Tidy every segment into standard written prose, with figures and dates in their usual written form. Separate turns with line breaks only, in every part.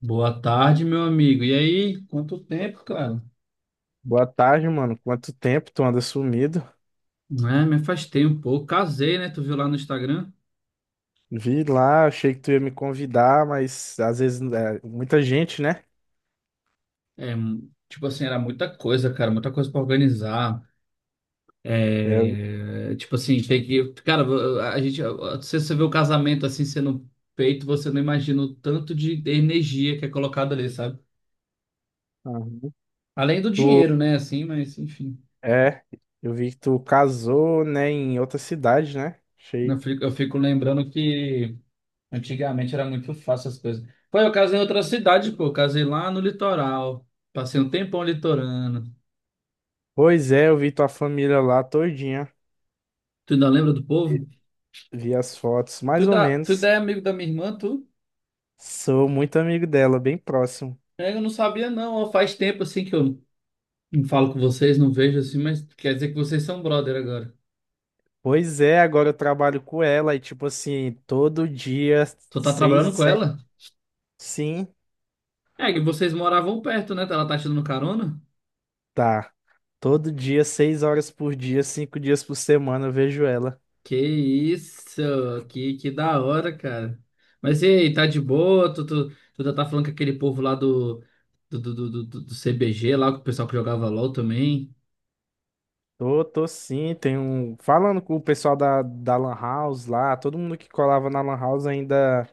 Boa tarde, meu amigo. E aí, quanto tempo, cara?
Boa tarde, mano. Quanto tempo tu anda sumido?
Né, me afastei um pouco. Casei, né? Tu viu lá no Instagram?
Vi lá, achei que tu ia me convidar, mas às vezes é, muita gente, né?
É, tipo assim, era muita coisa, cara, muita coisa pra organizar.
É, eu-
É, tipo assim, tem que. Cara, a gente. Se você vê o casamento assim sendo feito, você não imagina o tanto de energia que é colocado ali, sabe?
Aham.
Além do
Tu,
dinheiro, né? Assim, mas enfim.
é, eu vi que tu casou, né, em outra cidade, né?
Eu
Achei.
fico, eu fico lembrando que. Antigamente era muito fácil as coisas. Pô, eu casei em outra cidade, pô. Eu casei lá no litoral. Passei um tempão litorano.
Pois é, eu vi tua família lá todinha.
Tu ainda lembra do povo?
Vi as fotos,
Tu
mais ou
ainda, tu ainda
menos.
é amigo da minha irmã, tu?
Sou muito amigo dela, bem próximo.
É, eu não sabia, não. Ó, faz tempo assim que eu não falo com vocês, não vejo assim, mas quer dizer que vocês são brother agora.
Pois é, agora eu trabalho com ela e, tipo assim, todo dia,
Tu tá
seis,
trabalhando com
sete.
ela?
Sim.
É, que vocês moravam perto, né? Ela tá te dando carona?
Tá. Todo dia, seis horas por dia, cinco dias por semana, eu vejo ela.
Que isso, que da hora, cara. Mas e aí, tá de boa? Tu já tá falando com aquele povo lá do CBG, lá, com o pessoal que jogava LOL também.
Tô sim, tem um. Falando com o pessoal da Lan House lá, todo mundo que colava na Lan House ainda,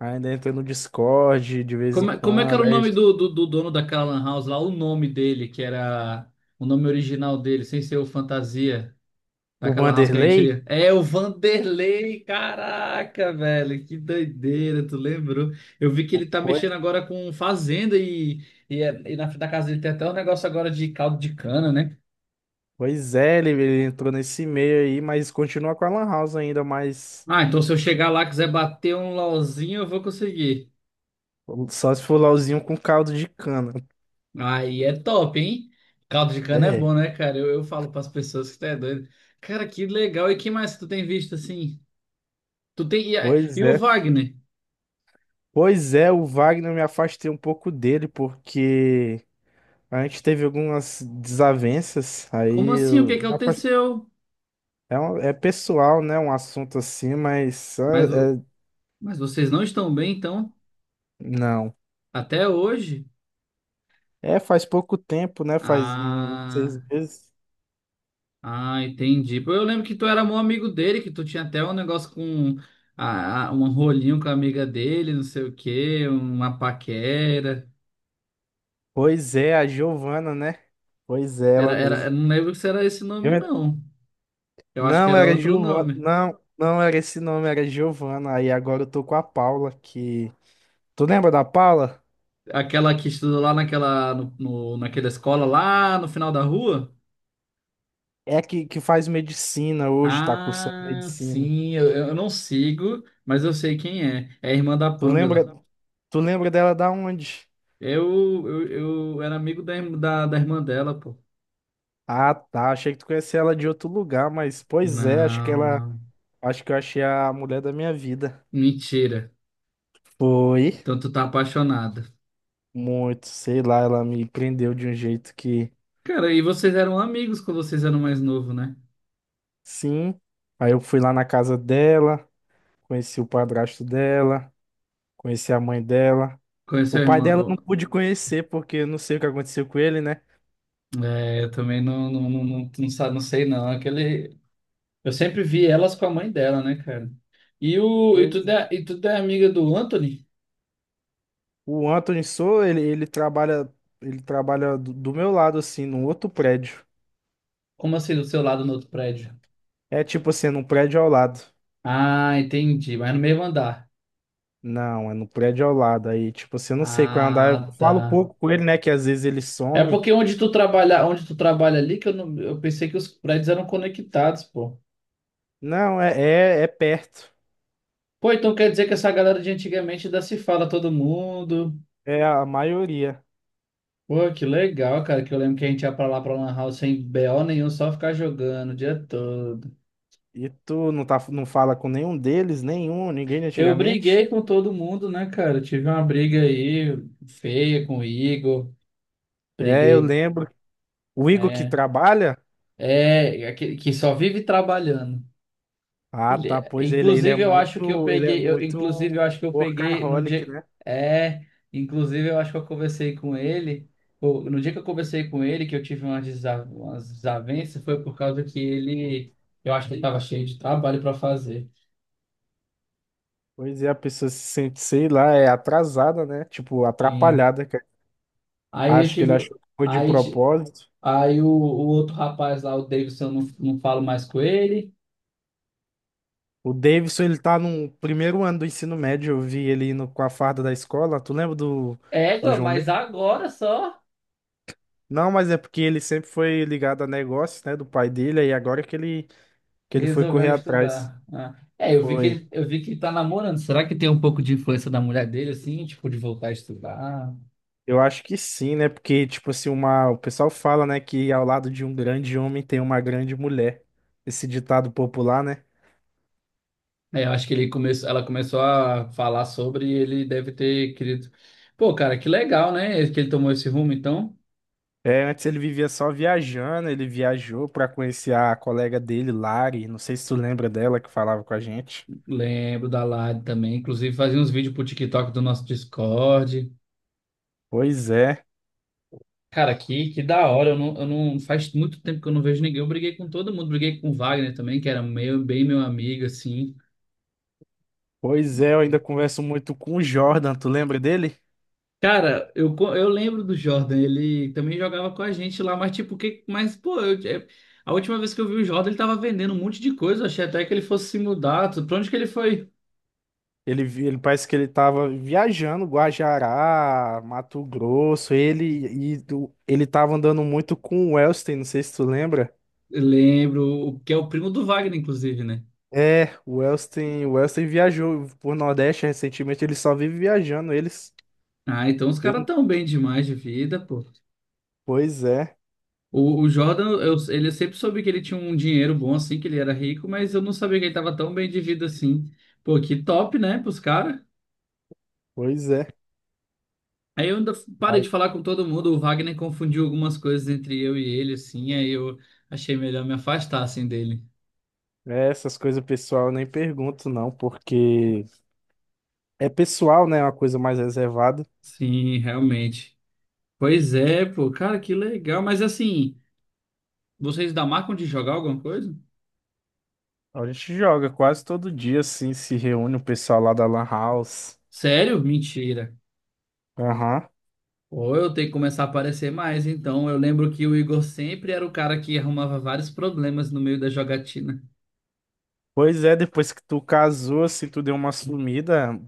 ainda entra no Discord de vez em
Como, como é que era
quando.
o
Aí,
nome do dono daquela lan house lá? O nome dele, que era o nome original dele, sem ser o Fantasia.
o
Naquela house que a gente
Vanderlei?
iria. É o Vanderlei, caraca, velho, que doideira, tu lembrou? Eu vi que ele tá
Pois,
mexendo agora com fazenda e na frente da casa dele tem até um negócio agora de caldo de cana, né?
pois é, ele entrou nesse meio aí, mas continua com a Lan House ainda, mas
Ah, então se eu chegar lá e quiser bater um LOLzinho, eu vou conseguir.
só se for LOLzinho com caldo de cana.
Aí é top, hein? Caldo de cana é
É,
bom, né, cara? Eu falo pras pessoas que tu é doido. Cara, que legal. E que mais que tu tem visto assim? Tu tem.
pois
E o
é.
Wagner?
Pois é, o Wagner eu me afastei um pouco dele, porque. A gente teve algumas desavenças,
Como
aí
assim? O que é
eu-
que
dá pra-
aconteceu?
é, um- é pessoal, né? Um assunto assim,
Mas, vo- mas vocês não estão bem, então?
não.
Até hoje?
É, faz pouco tempo, né? Faz uns seis
Ah,
meses.
ah, entendi. Pô, eu lembro que tu era meu amigo dele, que tu tinha até um negócio com um rolinho com a amiga dele, não sei o quê, uma paquera.
Pois é, a Giovana, né? Pois é,
Era,
ela
era, eu
mesmo.
não lembro se era esse
Eu
nome,
en-
não. Eu acho que
Não,
era
era
outro
Giovana.
nome.
Não, não era esse nome, era Giovana. Aí agora eu tô com a Paula, que. Tu lembra da Paula?
Aquela que estudou lá naquela, naquela escola lá no final da rua?
É que faz medicina hoje, tá cursando
Ah,
medicina.
sim, eu não sigo, mas eu sei quem é. É a irmã da
Tu lembra,
Pamela.
tu lembra dela da onde?
Eu, eu, eu era amigo da irmã dela, pô.
Ah, tá. Achei que tu conhecia ela de outro lugar, mas pois é, acho que
Não,
ela.
não.
Acho que eu achei a mulher da minha vida.
Mentira.
Foi
Então tu tá apaixonada.
muito, sei lá, ela me prendeu de um jeito que
Cara, e vocês eram amigos quando vocês eram mais novos, né?
sim. Aí eu fui lá na casa dela, conheci o padrasto dela, conheci a mãe dela. O
Conheceu a
pai
irmã?
dela eu
Ó,
não pude conhecer, porque eu não sei o que aconteceu com ele, né?
é, eu também não sei, não. Aquele. Eu sempre vi elas com a mãe dela, né, cara?
Pois é.
E tu é amiga do Anthony?
O Anthony sou, ele trabalha, ele trabalha do meu lado, assim, num outro prédio.
Como assim, do seu lado no outro prédio?
É tipo assim, num prédio ao lado.
Ah, entendi. Mas no mesmo andar.
Não, é no prédio ao lado. Aí, tipo, assim, eu não sei qual é o andar. Eu
Ah,
falo
tá.
pouco com ele, né? Que às vezes ele
É
some.
porque onde tu trabalha ali, que eu, não, eu pensei que os prédios eram conectados, pô.
Não, é, é, é perto.
Pô, então quer dizer que essa galera de antigamente ainda se fala todo mundo.
É a maioria.
Pô, que legal, cara, que eu lembro que a gente ia pra lá pra Lan House sem BO nenhum, só ficar jogando o dia todo.
E tu não, tá, não fala com nenhum deles, nenhum, ninguém de
Eu briguei
antigamente?
com todo mundo, né, cara? Eu tive uma briga aí feia com o Igor.
É, eu
Briguei,
lembro. O Igor que
é,
trabalha?
é, aquele que só vive trabalhando.
Ah, tá. Pois ele, ele é
Inclusive, eu acho que eu
muito, ele é
peguei. Eu, inclusive,
muito
eu acho que eu peguei no
workaholic,
dia.
né?
É, inclusive, eu acho que eu conversei com ele. Pô, no dia que eu conversei com ele, que eu tive umas desavenças, foi por causa que ele. Eu acho que ele estava cheio de trabalho para fazer.
Pois é, a pessoa se sente, sei lá, é atrasada, né? Tipo,
E
atrapalhada, cara.
aí eu
Acho que ele
tive.
achou que foi de
Aí, ti-
propósito.
aí o outro rapaz lá, o Davidson, eu não, não falo mais com ele.
O Davidson, ele tá no primeiro ano do ensino médio, eu vi ele indo com a farda da escola.
É,
Do João B?
mas agora só.
Não, mas é porque ele sempre foi ligado a negócios, né, do pai dele, aí agora que ele foi
Resolveu
correr atrás.
estudar. Ah. É, eu vi que
Foi.
ele, eu vi que ele tá namorando. Será que tem um pouco de influência da mulher dele, assim, tipo, de voltar a estudar?
Eu acho que sim, né, porque, tipo assim, uma, o pessoal fala, né, que ao lado de um grande homem tem uma grande mulher. Esse ditado popular, né?
É, eu acho que ele começou, ela começou a falar sobre e ele deve ter querido. Pô, cara, que legal, né? Que ele tomou esse rumo, então.
É, antes ele vivia só viajando, ele viajou pra conhecer a colega dele, Lari, não sei se tu lembra dela que falava com a gente.
Lembro da Lari também. Inclusive, fazia uns vídeos pro TikTok do nosso Discord.
Pois é.
Cara, que da hora. Eu não, faz muito tempo que eu não vejo ninguém. Eu briguei com todo mundo. Briguei com o Wagner também, que era meu, bem meu amigo, assim.
Pois é, eu ainda converso muito com o Jordan, tu lembra dele?
Cara, eu lembro do Jordan, ele também jogava com a gente lá, mas tipo, que, mas pô, a última vez que eu vi o Jordan, ele tava vendendo um monte de coisa, eu achei até que ele fosse se mudar, pra onde que ele foi?
Ele parece que ele tava viajando, Guajará, Mato Grosso, ele tava andando muito com o Wellston, não sei se tu lembra.
Eu lembro, o que é o primo do Wagner, inclusive, né?
É, o Wellston viajou por Nordeste recentemente, ele só vive viajando, eles.
Ah, então os
Eu,
caras
não-
tão bem demais de vida, pô.
pois é,
O Jordan, eu, ele eu sempre soube que ele tinha um dinheiro bom assim, que ele era rico, mas eu não sabia que ele tava tão bem de vida assim. Pô, que top, né, pros caras?
pois é.
Aí eu ainda parei
Ai.
de falar com todo mundo, o Wagner confundiu algumas coisas entre eu e ele, assim, aí eu achei melhor me afastar, assim, dele.
É, essas coisas pessoal eu nem pergunto não, porque é pessoal, né, é uma coisa mais reservada.
Sim, realmente. Pois é, pô, cara, que legal. Mas assim, vocês da marcam de jogar alguma coisa?
A gente joga quase todo dia, assim, se reúne o pessoal lá da Lan House.
Sério? Mentira.
Aham.
Ou eu tenho que começar a aparecer mais, então. Eu lembro que o Igor sempre era o cara que arrumava vários problemas no meio da jogatina.
Pois é, depois que tu casou, assim, tu deu uma sumida,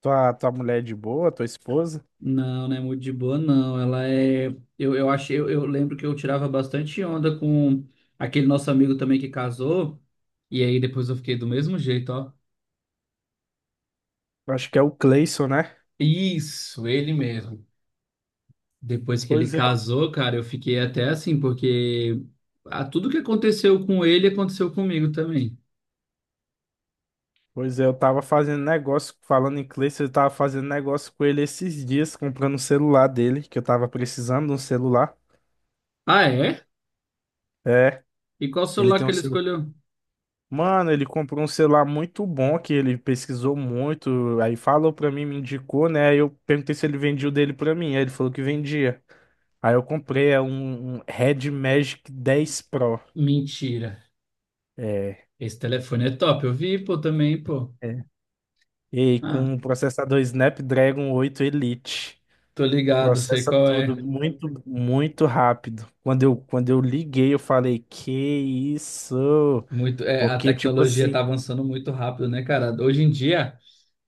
tua mulher é de boa, tua esposa.
Não, não é muito de boa, não. Ela é. Eu lembro que eu tirava bastante onda com aquele nosso amigo também que casou. E aí depois eu fiquei do mesmo jeito, ó.
Eu acho que é o Cleison, né?
Isso, ele mesmo. Depois que ele
Pois é,
casou, cara, eu fiquei até assim, porque ah, tudo que aconteceu com ele aconteceu comigo também.
eu tava fazendo negócio, falando em Cleison, eu tava fazendo negócio com ele esses dias, comprando o celular dele, que eu tava precisando de um celular.
Ah, é?
É,
E qual
ele
celular
tem
que
um
ele
celular.
escolheu?
Mano, ele comprou um celular muito bom que ele pesquisou muito, aí falou pra mim, me indicou, né? Aí eu perguntei se ele vendia o dele pra mim, aí ele falou que vendia. Aí eu comprei um Red Magic 10 Pro.
Mentira.
É,
Esse telefone é top, eu vi, pô, também, pô.
é. E com
Ah,
um processador Snapdragon 8 Elite.
tô ligado, sei
Processa
qual é.
tudo muito, muito rápido. Quando eu liguei, eu falei, que isso?
Muito, é, a
Porque, tipo
tecnologia
assim,
está avançando muito rápido, né, cara? Hoje em dia,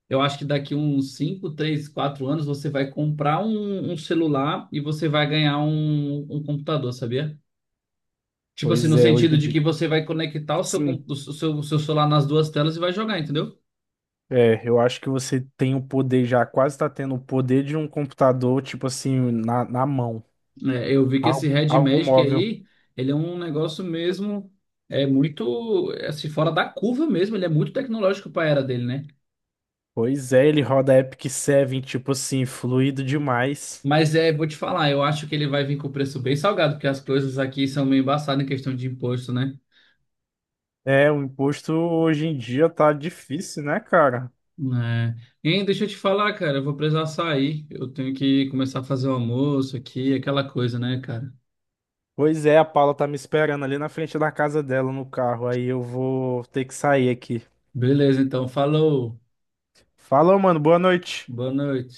eu acho que daqui uns 5 3 4 anos você vai comprar um celular e você vai ganhar um computador, sabia? Tipo assim,
pois
no
é, hoje
sentido
em
de que
dia.
você vai conectar o seu,
Sim.
o seu celular nas duas telas e vai jogar, entendeu?
É, eu acho que você tem o poder já, quase tá tendo o poder de um computador, tipo assim, na mão.
É, eu vi que esse
Algo,
Red
algo
Magic
móvel.
aí, ele é um negócio mesmo, é muito, é, assim, fora da curva mesmo, ele é muito tecnológico para a era dele, né?
Pois é, ele roda Epic Seven tipo assim, fluido demais.
Mas é, vou te falar, eu acho que ele vai vir com o preço bem salgado, porque as coisas aqui são meio embaçadas em questão de imposto, né?
É, o imposto hoje em dia tá difícil, né, cara?
É. Hein, deixa eu te falar, cara, eu vou precisar sair. Eu tenho que começar a fazer o almoço aqui, aquela coisa, né, cara?
Pois é, a Paula tá me esperando ali na frente da casa dela no carro, aí eu vou ter que sair aqui.
Beleza, então, falou.
Falou, mano, boa noite.
Boa noite.